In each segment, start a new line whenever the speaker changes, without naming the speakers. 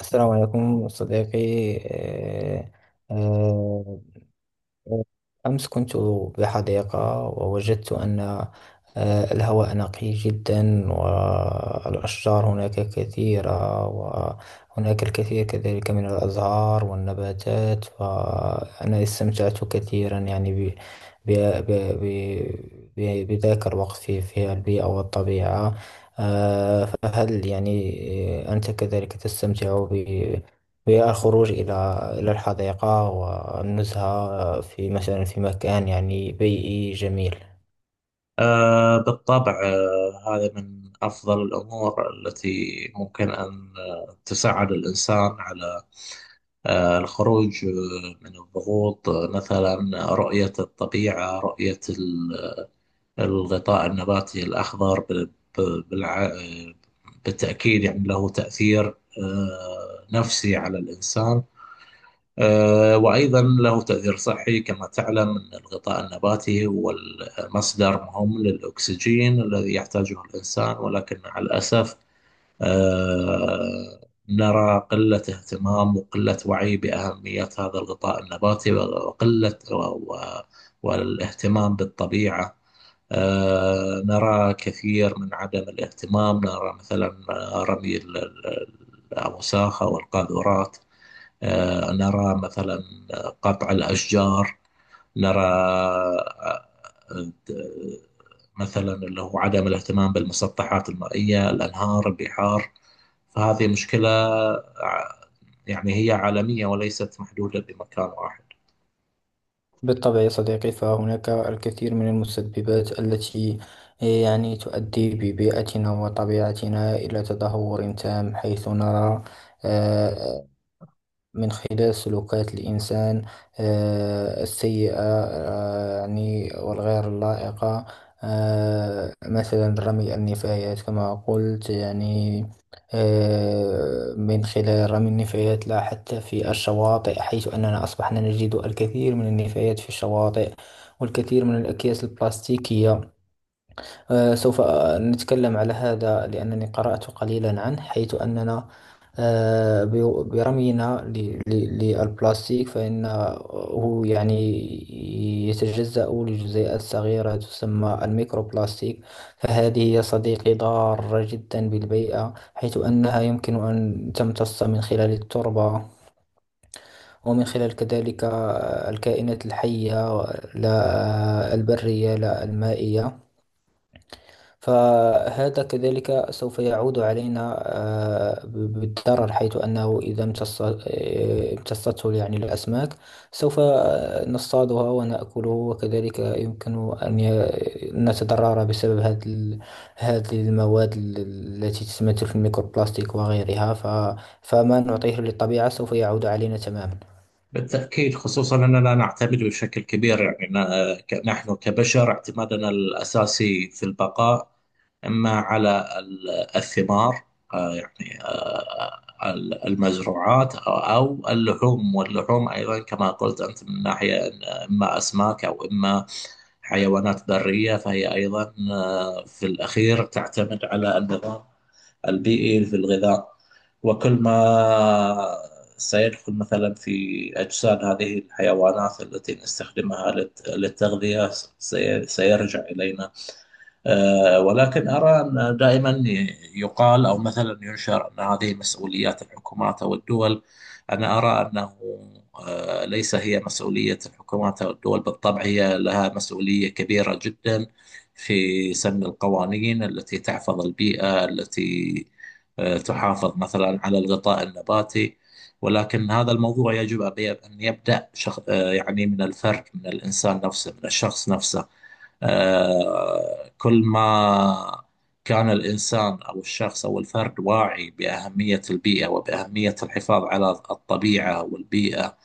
السلام عليكم صديقي. آه، أمس كنت بحديقة ووجدت أن الهواء نقي جدا، والأشجار هناك كثيرة، وهناك الكثير كذلك من الأزهار والنباتات، فأنا استمتعت كثيرا يعني ب ب ب بذاك الوقت في البيئة والطبيعة. فهل يعني أنت كذلك تستمتع هي الخروج إلى الحديقة والنزهة في مثلا في مكان يعني بيئي جميل؟
بالطبع، هذا من أفضل الأمور التي ممكن أن تساعد الإنسان على الخروج، من الضغوط، مثلا رؤية الطبيعة، رؤية الغطاء النباتي الأخضر، ب- ب- بالع... آه، بالتأكيد يعني له تأثير نفسي على الإنسان، وأيضا له تأثير صحي. كما تعلم أن الغطاء النباتي هو المصدر مهم للأكسجين الذي يحتاجه الإنسان، ولكن مع الأسف آه، نرى قلة اهتمام وقلة وعي بأهمية هذا الغطاء النباتي، وقلة والاهتمام بالطبيعة. نرى كثير من عدم الاهتمام، نرى مثلا رمي الأوساخ أو القاذورات، نرى مثلا قطع الأشجار، نرى آه، مثلا اللي هو عدم الاهتمام بالمسطحات المائية، الأنهار، البحار. فهذه مشكلة ع- يعني هي عالمية وليست محدودة بمكان واحد.
بالطبع يا صديقي، فهناك الكثير من المسببات التي يعني تؤدي ببيئتنا وطبيعتنا إلى تدهور تام، حيث نرى آه، من خلال سلوكات الإنسان السيئة يعني والغير اللائقة. مثلا رمي النفايات كما قلت يعني، من خلال رمي النفايات لا حتى في الشواطئ، حيث أننا أصبحنا نجد الكثير من النفايات في الشواطئ والكثير من الأكياس البلاستيكية. سوف نتكلم على هذا لأنني قرأت قليلا عنه، حيث أننا برمينا للبلاستيك فإنه يعني يتجزأ لجزيئات صغيرة تسمى الميكروبلاستيك. فهذه يا صديقي ضارة جدا بالبيئة، حيث أنها يمكن أن تمتص من خلال التربة ومن خلال كذلك الكائنات الحية، لا البرية لا المائية. فهذا كذلك سوف يعود علينا بالضرر، حيث أنه إذا امتصته يعني الأسماك، سوف نصطادها ونأكله، وكذلك يمكن أن نتضرر بسبب هذه المواد التي تتمثل في الميكروبلاستيك وغيرها. فما نعطيه للطبيعة سوف يعود علينا تماما.
بالتأكيد، خصوصا أننا نعتمد بشكل كبير يعني نحن كبشر اعتمادنا الأساسي في البقاء إما على الثمار، يعني المزروعات، أو اللحوم. واللحوم أيضا كما قلت أنت من ناحية إن إما أسماك أو إما حيوانات برية، فهي أيضا في الأخير تعتمد على النظام البيئي في الغذاء. وكل ما سيدخل مثلا في أجساد هذه الحيوانات التي نستخدمها للتغذية سيرجع إلينا. ولكن أرى أن دائما يقال، أو مثلا ينشر، أن هذه مسؤوليات الحكومات أو الدول. أنا أرى أنه ليس هي مسؤولية الحكومات أو الدول. بالطبع هي لها مسؤولية كبيرة جدا في سن القوانين التي تحفظ البيئة، التي تحافظ مثلا على الغطاء النباتي، ولكن هذا الموضوع يجب أن يبدأ شخ... آه، يعني من الفرد، من الإنسان نفسه، من الشخص نفسه. كل ما كان الإنسان أو الشخص أو الفرد واعي بأهمية البيئة، وبأهمية الحفاظ على الطبيعة والبيئة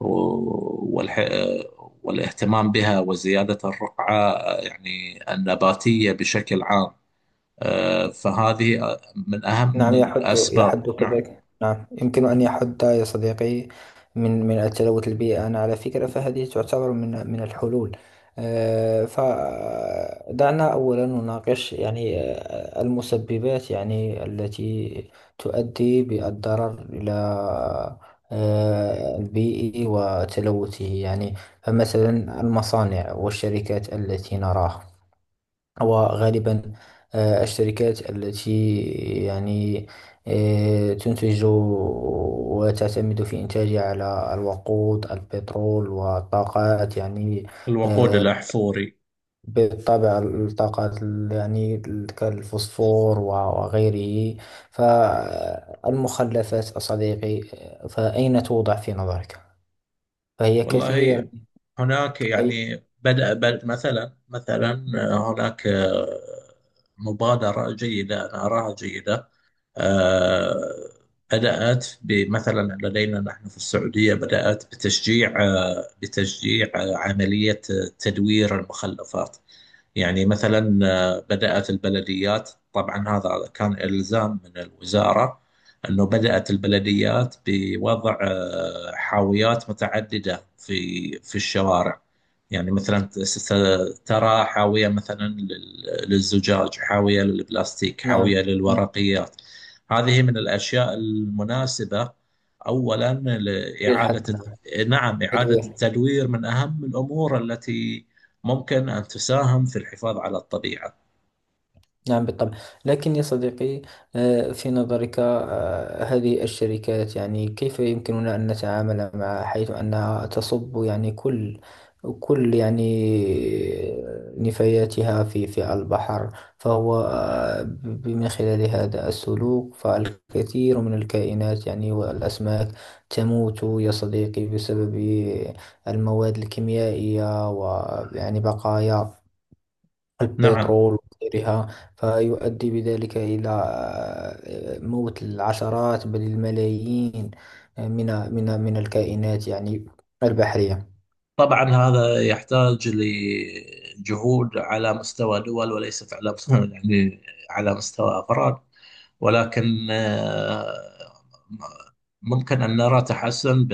و- والح... آه، والاهتمام بها، وزيادة الرقعة يعني النباتية بشكل عام، فهذه من أهم
نعم، يحد
الأسباب.
يحد
نعم.
كذلك، نعم، يمكن أن يحد يا صديقي من التلوث البيئي. أنا على فكرة فهذه تعتبر من الحلول. فدعنا أولا نناقش يعني المسببات يعني التي تؤدي بالضرر إلى البيئي وتلوثه يعني. فمثلا المصانع والشركات التي نراها، وغالبا الشركات التي يعني تنتج وتعتمد في إنتاجها على الوقود البترول والطاقات يعني.
الوقود
آه،
الأحفوري.
بالطبع الطاقات يعني كالفوسفور و وغيره فالمخلفات صديقي، فأين توضع في نظرك؟ فهي كثير.
والله، هناك يعني بدأ مثلا هناك مبادرة جيدة، أنا أراها جيدة. آه، بدأت بمثلا لدينا نحن في السعودية، بدأت بتشجيع، عملية تدوير المخلفات. يعني مثلا بدأت البلديات، طبعا هذا كان إلزام من الوزارة، أنه بدأت البلديات بوضع حاويات متعددة في الشوارع. يعني مثلا ترى حاوية مثلا للزجاج، حاوية للبلاستيك،
نعم.
حاوية للورقيات. هذه من الأشياء المناسبة، أولا
للحد،
لإعادة...
نعم.
نعم، إعادة
تدوير.
التدوير من أهم الأمور التي ممكن أن تساهم في الحفاظ على الطبيعة.
نعم، بالطبع. لكن يا صديقي، في نظرك هذه الشركات يعني كيف يمكننا أن نتعامل مع، حيث أنها تصب يعني كل يعني نفاياتها في البحر؟ فهو من خلال هذا السلوك فالكثير من الكائنات يعني والأسماك تموت يا صديقي بسبب المواد الكيميائية، ويعني بقايا
نعم.
البترول وغيرها. فيؤدي بذلك إلى موت العشرات بل الملايين من من الكائنات يعني البحرية.
طبعا هذا يحتاج لجهود على مستوى دول، وليس على مستوى يعني على مستوى أفراد. ولكن ممكن أن نرى تحسن ب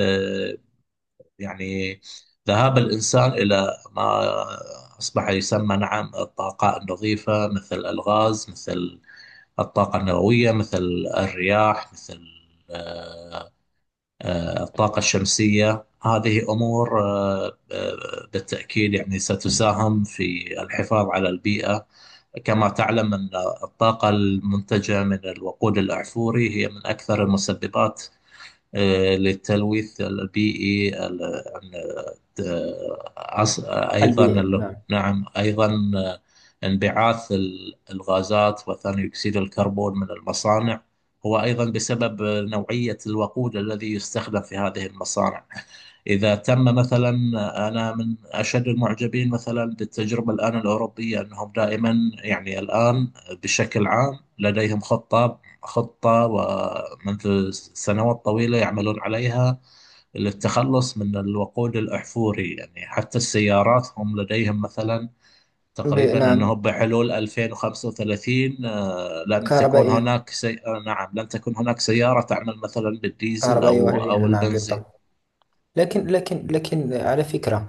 يعني ذهاب الإنسان إلى ما أصبح يسمى، نعم، الطاقة النظيفة، مثل الغاز، مثل الطاقة النووية، مثل الرياح، مثل آه، الطاقة الشمسية. هذه أمور بالتأكيد يعني ستساهم في الحفاظ على البيئة. كما تعلم أن الطاقة المنتجة من الوقود الأحفوري هي من أكثر المسببات للتلوث البيئي،
نعم.
نعم. أيضا آه، انبعاث الغازات وثاني أكسيد الكربون من المصانع، هو أيضا بسبب نوعية الوقود الذي يستخدم في هذه المصانع. إذا تم مثلا... أنا من أشد المعجبين مثلا بالتجربة الآن الأوروبية، أنهم دائما يعني الآن بشكل عام لديهم خطة ومنذ سنوات طويلة يعملون عليها للتخلص من الوقود الأحفوري، يعني حتى السيارات هم لديهم مثلا تقريبا أنه
نعم.
بحلول 2035 لن تكون
كهربائية.
هناك سي... آه، نعم، لن تكون هناك سيارة تعمل مثلا بالديزل
كهربائية
أو
وهجينة، نعم
البنزين.
بالطبع. لكن، لكن على فكرة،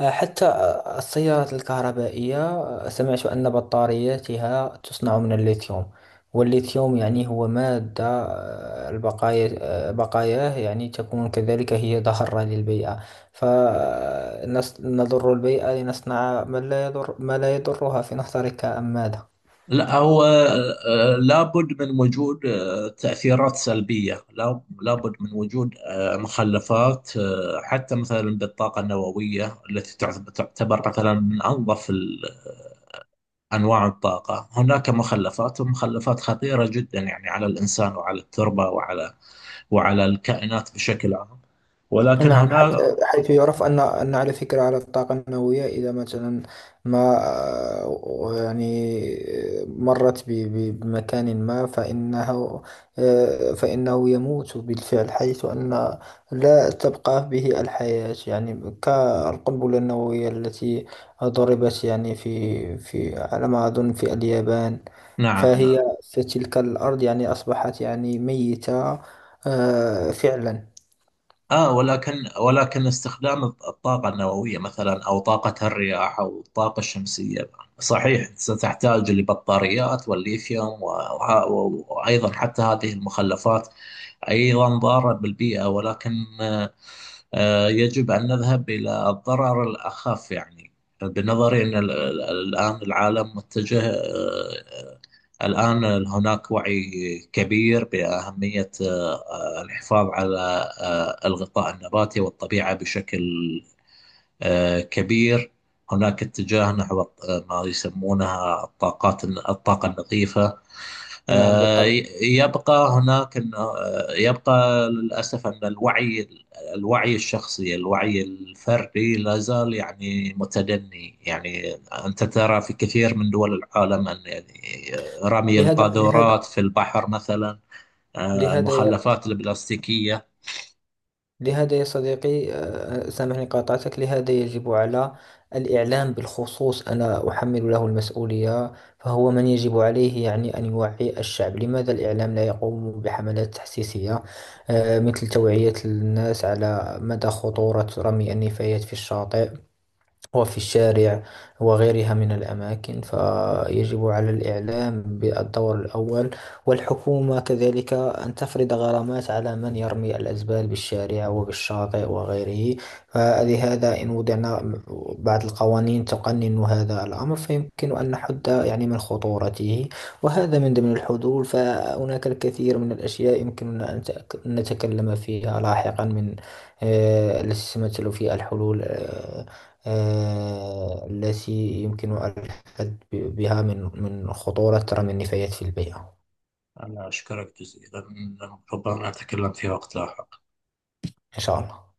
حتى السيارات الكهربائية، سمعت أن بطارياتها تصنع من الليثيوم. والليثيوم يعني هو مادة، البقايا بقاياه يعني تكون كذلك هي ضارة للبيئة. فنضر البيئة لنصنع ما لا يضر، ما لا يضرها في نظرك، أم ماذا؟
لا، هو لابد من وجود تأثيرات سلبية. لابد من وجود مخلفات حتى مثلا بالطاقة النووية، التي تعتبر مثلا من أنظف أنواع الطاقة. هناك مخلفات، ومخلفات خطيرة جدا يعني على الإنسان، وعلى التربة، وعلى الكائنات بشكل عام، ولكن
نعم،
هنا...
حيث يعرف أن على فكرة على الطاقة النووية إذا مثلا ما يعني مرت بمكان ما، فإنه فإنه يموت بالفعل، حيث أن لا تبقى به الحياة يعني، كالقنبلة النووية التي ضربت يعني في على ما أظن في اليابان.
نعم، نعم.
فهي في تلك الأرض يعني أصبحت يعني ميتة فعلا.
آه ولكن ولكن استخدام الطاقة النووية مثلا، أو طاقة الرياح، أو الطاقة الشمسية، صحيح ستحتاج لبطاريات والليثيوم، وأيضا، حتى هذه المخلفات أيضا ضارة بالبيئة، ولكن يجب أن نذهب إلى الضرر الأخف. يعني بنظري أن الآن العالم متجه، الآن هناك وعي كبير بأهمية الحفاظ على الغطاء النباتي والطبيعة بشكل كبير. هناك اتجاه نحو ما يسمونها الطاقات، الطاقة النظيفة.
نعم
آه،
بالطبع.
يبقى هناك انه يبقى للاسف ان الوعي، الوعي الشخصي، الوعي الفردي، لا زال يعني متدني. يعني انت ترى في كثير من دول العالم ان يعني رمي
لهذا لهذا
القاذورات في البحر مثلا،
لهذا يا
المخلفات البلاستيكية.
لهذا يا صديقي، سامحني قاطعتك، لهذا يجب على الإعلام بالخصوص، أنا أحمل له المسؤولية. فهو من يجب عليه يعني أن يوعي الشعب. لماذا الإعلام لا يقوم بحملات تحسيسية مثل توعية الناس على مدى خطورة رمي النفايات في الشاطئ وفي الشارع وغيرها من الأماكن؟ فيجب على الإعلام بالدور الأول، والحكومة كذلك أن تفرض غرامات على من يرمي الأزبال بالشارع وبالشاطئ وغيره. فلهذا إن وضعنا بعض القوانين تقنن هذا الأمر، فيمكن أن نحد يعني من خطورته، وهذا من ضمن الحلول. فهناك الكثير من الأشياء يمكننا أن نتكلم فيها لاحقا من التي تتمثل في الحلول، التي يمكن الحد بها من خطورة رمي النفايات في البيئة.
أنا أشكرك جزيلا، ربما نتكلم في وقت لاحق.
إن شاء الله.